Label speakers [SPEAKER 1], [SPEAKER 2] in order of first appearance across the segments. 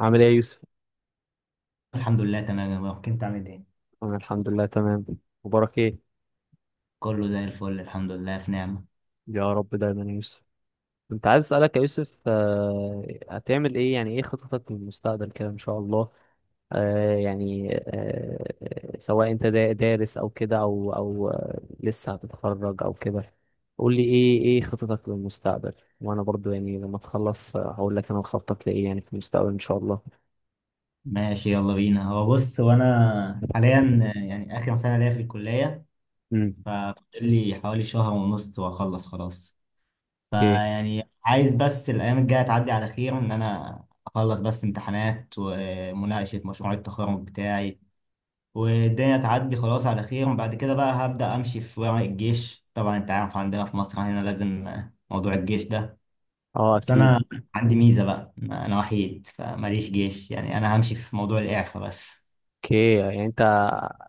[SPEAKER 1] عامل ايه يا يوسف؟
[SPEAKER 2] الحمد لله تمام يا مروان. كنت عامل ايه؟
[SPEAKER 1] أنا الحمد لله تمام. مبارك ايه؟
[SPEAKER 2] كله زي الفل، الحمد لله في نعمة.
[SPEAKER 1] يا رب دايما يا يوسف. كنت عايز اسألك يا يوسف، هتعمل ايه، يعني ايه خططك للمستقبل كده ان شاء الله؟ سواء انت دارس او كده او لسه هتتخرج او كده، قول لي ايه خططك للمستقبل، وانا برضو يعني لما تخلص هقول لك انا مخطط لايه يعني في المستقبل ان شاء الله.
[SPEAKER 2] ماشي، يلا بينا. هو بص، وانا حاليا يعني اخر سنة ليا في الكلية.
[SPEAKER 1] امم.
[SPEAKER 2] ففاضل لي حوالي شهر ونص واخلص خلاص.
[SPEAKER 1] ايه.
[SPEAKER 2] فيعني عايز بس الايام الجاية تعدي على خير، ان انا اخلص بس امتحانات ومناقشة مشروع التخرج بتاعي، والدنيا تعدي خلاص على خير. وبعد كده بقى هبدأ امشي في ورق الجيش. طبعا انت عارف عندنا في مصر هنا لازم موضوع الجيش ده.
[SPEAKER 1] اه
[SPEAKER 2] بس
[SPEAKER 1] اكيد.
[SPEAKER 2] انا عندي ميزه بقى، انا وحيد فماليش جيش، يعني انا همشي في موضوع الاعفاء بس.
[SPEAKER 1] اوكي. يعني انت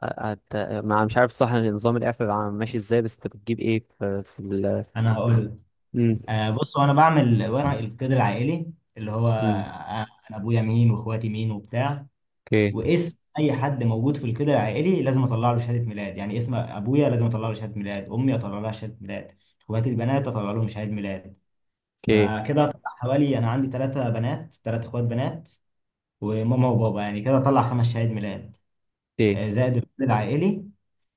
[SPEAKER 1] ما مش عارف صح نظام الاعفاء بقى ماشي ازاي، بس انت بتجيب ايه في؟
[SPEAKER 2] انا هقول لك.
[SPEAKER 1] امم.
[SPEAKER 2] بص، وانا بعمل ورق القيد العائلي اللي هو
[SPEAKER 1] امم.
[SPEAKER 2] انا ابويا مين واخواتي مين وبتاع.
[SPEAKER 1] اوكي.
[SPEAKER 2] واسم اي حد موجود في القيد العائلي لازم اطلع له شهاده ميلاد. يعني اسم ابويا لازم اطلع له شهاده ميلاد، امي اطلع لها شهاده ميلاد، اخواتي البنات اطلع لهم شهاده ميلاد.
[SPEAKER 1] اوكي،
[SPEAKER 2] فكده اطلع حوالي، انا عندي ثلاثه بنات، ثلاث اخوات بنات، وماما وبابا، يعني كده اطلع خمس شهاده ميلاد.
[SPEAKER 1] اوكي.
[SPEAKER 2] زائد الرصيد العائلي.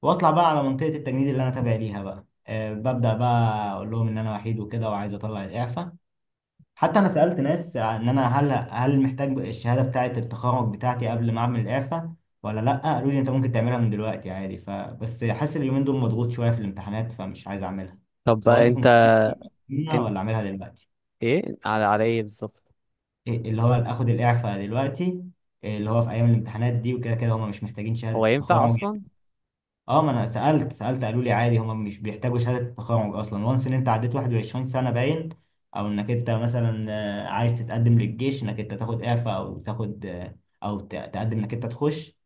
[SPEAKER 2] واطلع بقى على منطقه التجنيد اللي انا تابع ليها بقى، ببدا بقى اقول لهم ان انا وحيد وكده وعايز اطلع الاعفاء. حتى انا سالت ناس، ان انا هل محتاج الشهاده بتاعه التخرج بتاعتي قبل ما اعمل الاعفاء ولا لا. قالوا لي انت ممكن تعملها من دلوقتي عادي، فبس حاسس اليومين دول مضغوط شويه في الامتحانات فمش عايز اعملها.
[SPEAKER 1] طب
[SPEAKER 2] هو
[SPEAKER 1] بقى
[SPEAKER 2] انت
[SPEAKER 1] انت،
[SPEAKER 2] تنصحني أعملها
[SPEAKER 1] انت
[SPEAKER 2] ولا اعملها دلوقتي؟
[SPEAKER 1] ايه على ايه بالظبط؟
[SPEAKER 2] إيه اللي هو اخد الاعفاء دلوقتي؟ إيه اللي هو في ايام الامتحانات دي وكده؟ كده هم مش محتاجين
[SPEAKER 1] هو
[SPEAKER 2] شهاده
[SPEAKER 1] ينفع
[SPEAKER 2] تخرج.
[SPEAKER 1] اصلا؟
[SPEAKER 2] اه، ما انا سالت قالوا لي عادي، هم مش بيحتاجوا شهاده التخرج اصلا، وانس ان انت عديت 21 سنه باين. او انك انت مثلا عايز تتقدم للجيش، انك انت تاخد اعفاء او تاخد او تقدم انك انت تخش.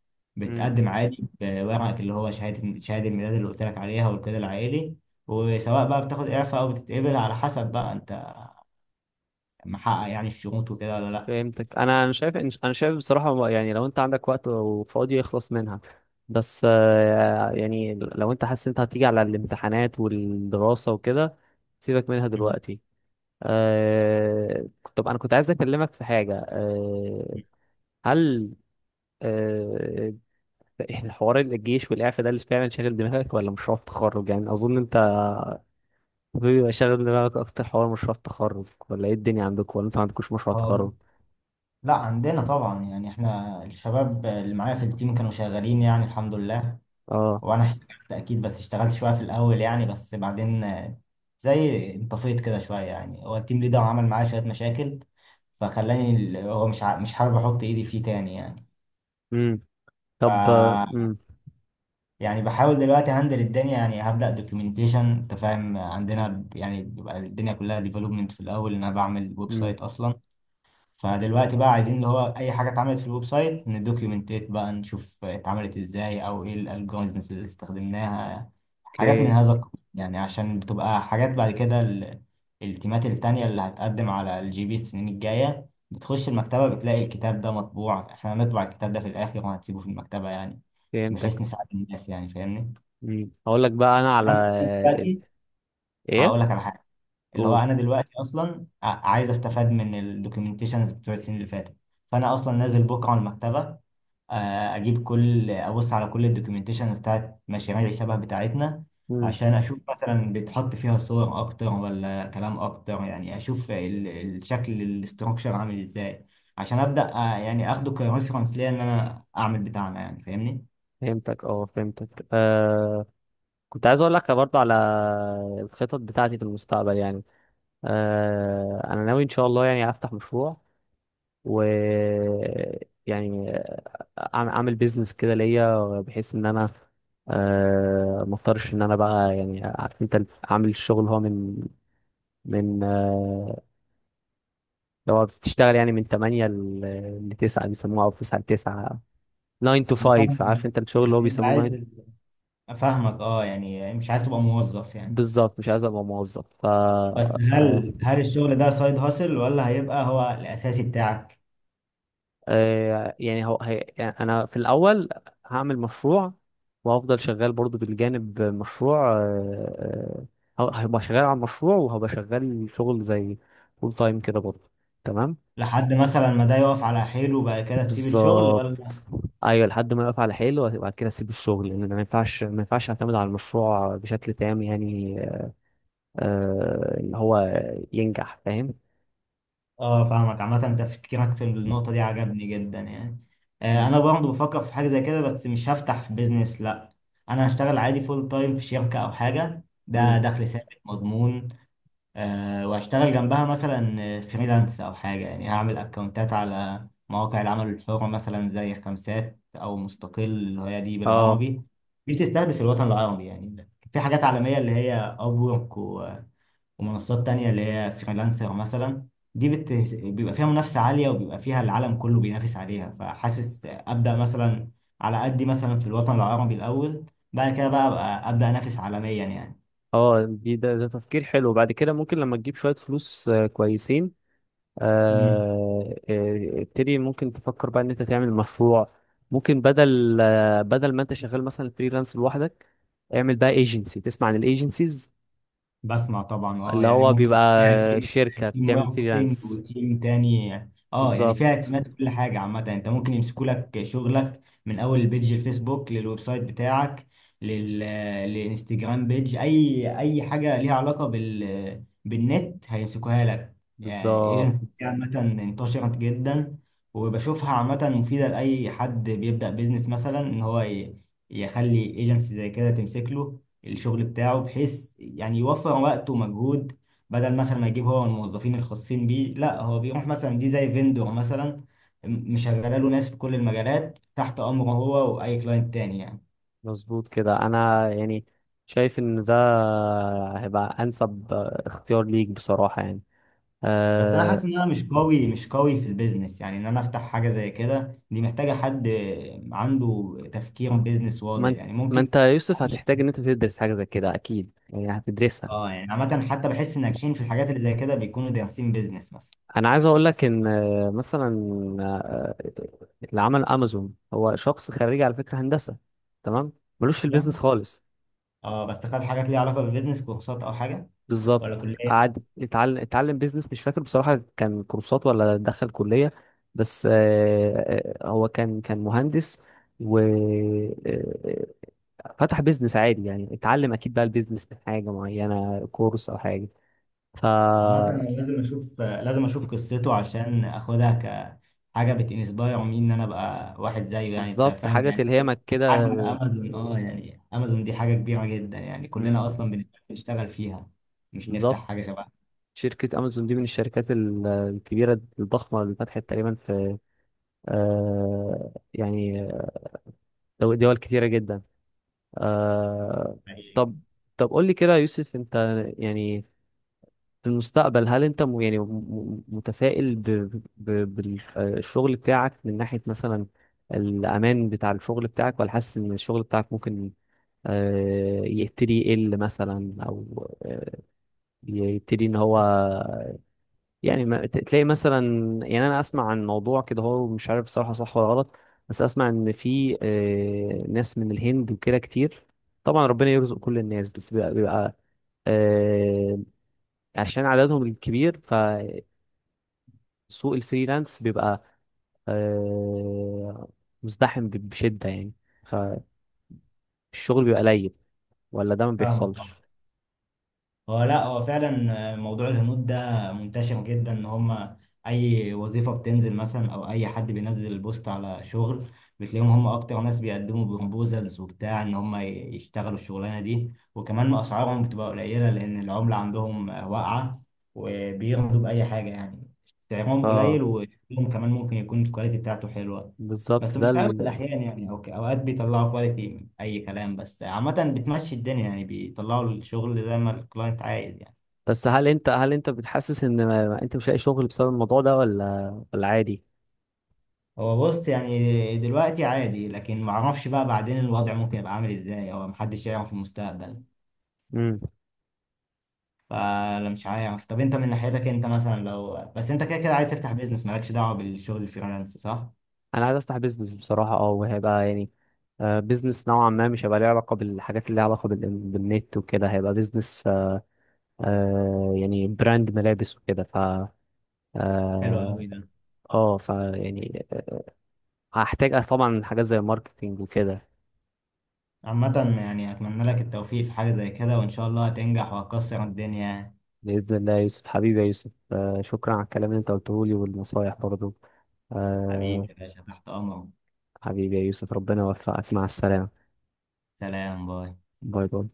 [SPEAKER 1] امم.
[SPEAKER 2] بتقدم عادي بورقك اللي هو شهاده الميلاد اللي قلت لك عليها والكده العائلي. وسواء بقى بتاخد اعفاء او بتتقبل، على حسب بقى انت محقق يعني الشروط وكده ولا لا.
[SPEAKER 1] فهمتك. انا شايف بصراحة، يعني لو انت عندك وقت وفاضي اخلص منها، بس يعني لو انت حاسس انت هتيجي على الامتحانات والدراسة وكده، سيبك منها
[SPEAKER 2] مم.
[SPEAKER 1] دلوقتي. آه... طب انا كنت عايز اكلمك في حاجه. هل آه... حوار الجيش والاعفاء ده اللي فعلا شاغل دماغك ولا مشروع التخرج؟ يعني اظن انت بيبقى شاغل دماغك اكتر حوار مشروع التخرج، ولا ايه الدنيا عندك، ولا انت ما عندكوش مشروع
[SPEAKER 2] هو
[SPEAKER 1] تخرج؟
[SPEAKER 2] لا، عندنا طبعا. يعني احنا الشباب اللي معايا في التيم كانوا شغالين يعني، الحمد لله.
[SPEAKER 1] اه.
[SPEAKER 2] وانا اشتغلت اكيد، بس اشتغلت شويه في الاول يعني، بس بعدين زي انطفيت كده شويه يعني. هو التيم ليدر عمل معايا شويه مشاكل، فخلاني هو مش حابب احط ايدي فيه تاني يعني.
[SPEAKER 1] امم. طب.
[SPEAKER 2] ف
[SPEAKER 1] امم.
[SPEAKER 2] يعني بحاول دلوقتي هندل الدنيا. يعني هبدا دوكيومنتيشن. انت فاهم، عندنا يعني بيبقى الدنيا كلها ديفلوبمنت في الاول، ان انا بعمل ويب
[SPEAKER 1] امم.
[SPEAKER 2] سايت اصلا. فدلوقتي بقى عايزين اللي هو اي حاجه اتعملت في الويب سايت ندوكيومنتات بقى، نشوف اتعملت ازاي او ايه الالجوريزمز اللي استخدمناها، حاجات من
[SPEAKER 1] اوكي.
[SPEAKER 2] هذا القبيل يعني. عشان بتبقى حاجات بعد كده التيمات التانية اللي هتقدم على الجي بي السنين الجاية بتخش المكتبة بتلاقي الكتاب ده مطبوع. احنا هنطبع الكتاب ده في الآخر وهنسيبه في المكتبة يعني، بحيث
[SPEAKER 1] فهمتك.
[SPEAKER 2] نساعد الناس يعني. فاهمني؟
[SPEAKER 1] امم. هقول لك بقى انا على
[SPEAKER 2] أنا دلوقتي
[SPEAKER 1] ايه.
[SPEAKER 2] هقول لك على حاجة. اللي هو
[SPEAKER 1] قول.
[SPEAKER 2] انا دلوقتي اصلا عايز استفاد من الدوكيومنتيشنز بتوع السنين اللي فاتت. فانا اصلا نازل بكره على المكتبه، اجيب كل، ابص على كل الدوكيومنتيشنز بتاعت مشاريع الشبه بتاعتنا،
[SPEAKER 1] امم.
[SPEAKER 2] عشان اشوف مثلا بيتحط فيها صور اكتر ولا كلام اكتر، يعني اشوف الشكل الاستراكشر عامل ازاي، عشان ابدا يعني اخده كريفرنس ليا ان انا اعمل بتاعنا يعني. فاهمني؟
[SPEAKER 1] فهمتك، اه فهمتك. كنت عايز اقول لك برضه على الخطط بتاعتي في المستقبل يعني. انا ناوي ان شاء الله يعني افتح مشروع و يعني اعمل بيزنس كده ليا، بحيث ان انا ما اضطرش ان انا بقى، يعني عارف انت عامل الشغل هو من لو بتشتغل يعني من 8 ل 9 بيسموها، او 9 ل 9، 9 to
[SPEAKER 2] أنا
[SPEAKER 1] 5،
[SPEAKER 2] فاهمك بس.
[SPEAKER 1] عارف انت الشغل اللي هو
[SPEAKER 2] يعني انت
[SPEAKER 1] بيسموه
[SPEAKER 2] عايز
[SPEAKER 1] 9.
[SPEAKER 2] افهمك، اه يعني مش عايز تبقى موظف يعني.
[SPEAKER 1] بالظبط، مش عايز ابقى موظف، ف
[SPEAKER 2] بس هل الشغل ده سايد هاسل ولا هيبقى هو الأساسي بتاعك؟
[SPEAKER 1] يعني هو هي يعني انا في الاول هعمل مشروع وهفضل شغال برضو بالجانب مشروع. هبقى شغال على المشروع وهبقى شغال شغل زي فول تايم كده برضو، تمام.
[SPEAKER 2] لحد مثلا ما ده يقف على حيله وبعد كده تسيب الشغل ولا؟
[SPEAKER 1] بالظبط، ايوه، لحد ما اقف على حيله وبعد كده اسيب الشغل، لان أنا ما ينفعش اعتمد على المشروع بشكل تام يعني اللي هو ينجح، فاهم.
[SPEAKER 2] اه فاهمك. عامة تفكيرك في النقطة دي عجبني جدا يعني.
[SPEAKER 1] م-
[SPEAKER 2] أنا برضه بفكر في حاجة زي كده، بس مش هفتح بيزنس لأ. أنا هشتغل عادي فول تايم في شركة أو حاجة،
[SPEAKER 1] م.
[SPEAKER 2] ده دخل ثابت مضمون. واشتغل جنبها مثلا فريلانس او حاجه. يعني هعمل اكونتات على مواقع العمل الحر مثلا زي خمسات او مستقل، اللي هي دي
[SPEAKER 1] اه،
[SPEAKER 2] بالعربي، دي بتستهدف الوطن العربي. يعني في حاجات عالميه اللي هي ابورك ومنصات تانية اللي هي فريلانسر مثلا. بيبقى فيها منافسه عاليه وبيبقى فيها العالم كله بينافس عليها، فحاسس ابدا مثلا على قدي مثلا في الوطن العربي الاول، بعد كده بقى أبقى ابدا انافس عالميا يعني.
[SPEAKER 1] اه، ده تفكير حلو. بعد كده ممكن لما تجيب شوية فلوس كويسين، ابتدي، ممكن تفكر بقى ان انت تعمل مشروع. ممكن بدل بدل ما انت شغال مثلا فريلانس لوحدك، اعمل بقى ايجنسي، تسمع عن الايجنسيز
[SPEAKER 2] بسمع طبعا، اه
[SPEAKER 1] اللي
[SPEAKER 2] يعني
[SPEAKER 1] هو
[SPEAKER 2] ممكن
[SPEAKER 1] بيبقى
[SPEAKER 2] يبقى فيها تيم،
[SPEAKER 1] شركة
[SPEAKER 2] تيم
[SPEAKER 1] بتعمل
[SPEAKER 2] ماركتينج
[SPEAKER 1] فريلانس.
[SPEAKER 2] وتيم تاني. اه يعني فيها
[SPEAKER 1] بالظبط،
[SPEAKER 2] اعتماد كل حاجه. عامه انت ممكن يمسكوا لك شغلك من اول البيج الفيسبوك للويب سايت بتاعك، لل للانستجرام بيج، اي اي حاجه ليها علاقه بالنت هيمسكوها لك يعني.
[SPEAKER 1] بالظبط.
[SPEAKER 2] ايجنت عامه انتشرت جدا، وبشوفها عامه مفيده لاي حد بيبدا بيزنس. مثلا ان هو يخلي ايجنسي زي كده تمسك له الشغل بتاعه، بحيث يعني يوفر وقت ومجهود، بدل مثلا ما يجيب هو الموظفين الخاصين بيه. لا، هو بيروح مثلا دي زي فيندور مثلا، مشغله له ناس في كل المجالات تحت امره هو واي كلاينت تاني يعني.
[SPEAKER 1] مظبوط كده، انا يعني شايف ان ده هيبقى انسب اختيار ليك بصراحة يعني.
[SPEAKER 2] بس انا حاسس
[SPEAKER 1] آه،
[SPEAKER 2] ان انا مش قوي في البيزنس يعني. ان انا افتح حاجه زي كده دي محتاجه حد عنده تفكير بيزنس
[SPEAKER 1] ما
[SPEAKER 2] واضح
[SPEAKER 1] انت
[SPEAKER 2] يعني
[SPEAKER 1] ما
[SPEAKER 2] ممكن.
[SPEAKER 1] انت يا يوسف
[SPEAKER 2] أمشي-
[SPEAKER 1] هتحتاج ان انت تدرس حاجة زي كده اكيد، يعني هتدرسها.
[SPEAKER 2] اه يعني عامه، حتى بحس الناجحين في الحاجات اللي زي كده بيكونوا دارسين بيزنس مثلا.
[SPEAKER 1] انا عايز اقول لك ان مثلا آه، اللي عمل امازون هو شخص خريج على فكره هندسه، تمام، ملوش في
[SPEAKER 2] لا
[SPEAKER 1] البيزنس خالص.
[SPEAKER 2] اه، بس خد حاجات ليها علاقه بالبيزنس، كورسات او حاجه ولا
[SPEAKER 1] بالظبط،
[SPEAKER 2] كليه.
[SPEAKER 1] قعد اتعلم بيزنس، مش فاكر بصراحه كان كورسات ولا دخل كليه، بس هو كان مهندس و فتح بيزنس عادي، يعني اتعلم اكيد بقى البيزنس من حاجه معينه، كورس او حاجه. ف
[SPEAKER 2] عامة أنا لازم أشوف، لازم أشوف قصته عشان أخدها كحاجة بتنسباير مين، إن أنا أبقى واحد زيه. يعني أنت
[SPEAKER 1] بالظبط،
[SPEAKER 2] فاهم
[SPEAKER 1] حاجه
[SPEAKER 2] يعني إيه؟
[SPEAKER 1] تلهمك كده.
[SPEAKER 2] حجم أمازون، أه يعني أمازون دي حاجة كبيرة جدا يعني،
[SPEAKER 1] مم.
[SPEAKER 2] كلنا أصلا بنشتغل فيها، مش نفتح
[SPEAKER 1] بالظبط،
[SPEAKER 2] حاجة شبهها.
[SPEAKER 1] شركة أمازون دي من الشركات الكبيرة الضخمة اللي فتحت تقريبا في آه يعني دول كتيرة جدا. آه.
[SPEAKER 2] أيوة.
[SPEAKER 1] طب، طب قول لي كده يا يوسف، أنت يعني في المستقبل، هل أنت متفائل بالشغل بتاعك من ناحية مثلا الأمان بتاع الشغل بتاعك، ولا حاسس إن الشغل بتاعك ممكن آه يبتدي يقل مثلا، أو آه، يبتدي إن هو يعني ما تلاقي مثلا؟ يعني انا اسمع عن موضوع كده، هو مش عارف صراحة صح ولا غلط، بس اسمع ان في ناس من الهند وكده كتير، طبعا ربنا يرزق كل الناس، بس بيبقى آه، عشان عددهم الكبير فسوق الفريلانس بيبقى آه، مزدحم بشدة يعني، فالشغل بيبقى قليل، ولا ده ما
[SPEAKER 2] فاهمك.
[SPEAKER 1] بيحصلش؟
[SPEAKER 2] هو لا، هو فعلا موضوع الهنود ده منتشر جدا. ان هم اي وظيفه بتنزل مثلا، او اي حد بينزل بوست على شغل، بتلاقيهم هم اكتر ناس بيقدموا بروبوزلز وبتاع ان هم يشتغلوا الشغلانه دي، وكمان اسعارهم بتبقى قليله لان العمله عندهم واقعه، وبيرضوا باي حاجه يعني. سعرهم قليل
[SPEAKER 1] اه،
[SPEAKER 2] وشغلهم كمان ممكن يكون الكواليتي بتاعته حلوه، بس
[SPEAKER 1] بالظبط،
[SPEAKER 2] مش
[SPEAKER 1] ده
[SPEAKER 2] في اغلب الاحيان يعني. اوكي، اوقات بيطلعوا كواليتي اي كلام، بس عامه بتمشي الدنيا يعني، بيطلعوا الشغل زي ما الكلاينت عايز يعني.
[SPEAKER 1] بس هل انت، هل انت بتحسس ان ما انت مش لاقي شغل بسبب الموضوع ده، ولا عادي؟
[SPEAKER 2] هو بص، يعني دلوقتي عادي، لكن ما اعرفش بقى بعدين الوضع ممكن يبقى عامل ازاي، او محدش يعرف في المستقبل. فانا مش عارف. طب انت من ناحيتك، انت مثلا لو بس انت كده كده عايز تفتح بيزنس مالكش دعوه بالشغل الفريلانس، صح؟
[SPEAKER 1] انا عايز افتح بيزنس بصراحه، اه، وهيبقى يعني بيزنس نوعا ما، مش هيبقى ليه علاقه بالحاجات اللي ليها علاقه بالنت وكده، هيبقى بيزنس براند ملابس وكده، ف
[SPEAKER 2] حلو
[SPEAKER 1] اه
[SPEAKER 2] قوي ده.
[SPEAKER 1] آه، ف يعني آه، هحتاج طبعا حاجات زي الماركتينج وكده.
[SPEAKER 2] عامه يعني اتمنى لك التوفيق في حاجه زي كده، وان شاء الله هتنجح وهتكسر الدنيا.
[SPEAKER 1] باذن الله يا يوسف، حبيبي يا يوسف، شكرا على الكلام اللي انت قلته لي والنصايح برضه.
[SPEAKER 2] حبيبي
[SPEAKER 1] آه،
[SPEAKER 2] يا باشا، تحت امرك.
[SPEAKER 1] حبيبي يا يوسف، ربنا يوفقك، مع السلامه.
[SPEAKER 2] سلام، باي.
[SPEAKER 1] باي باي.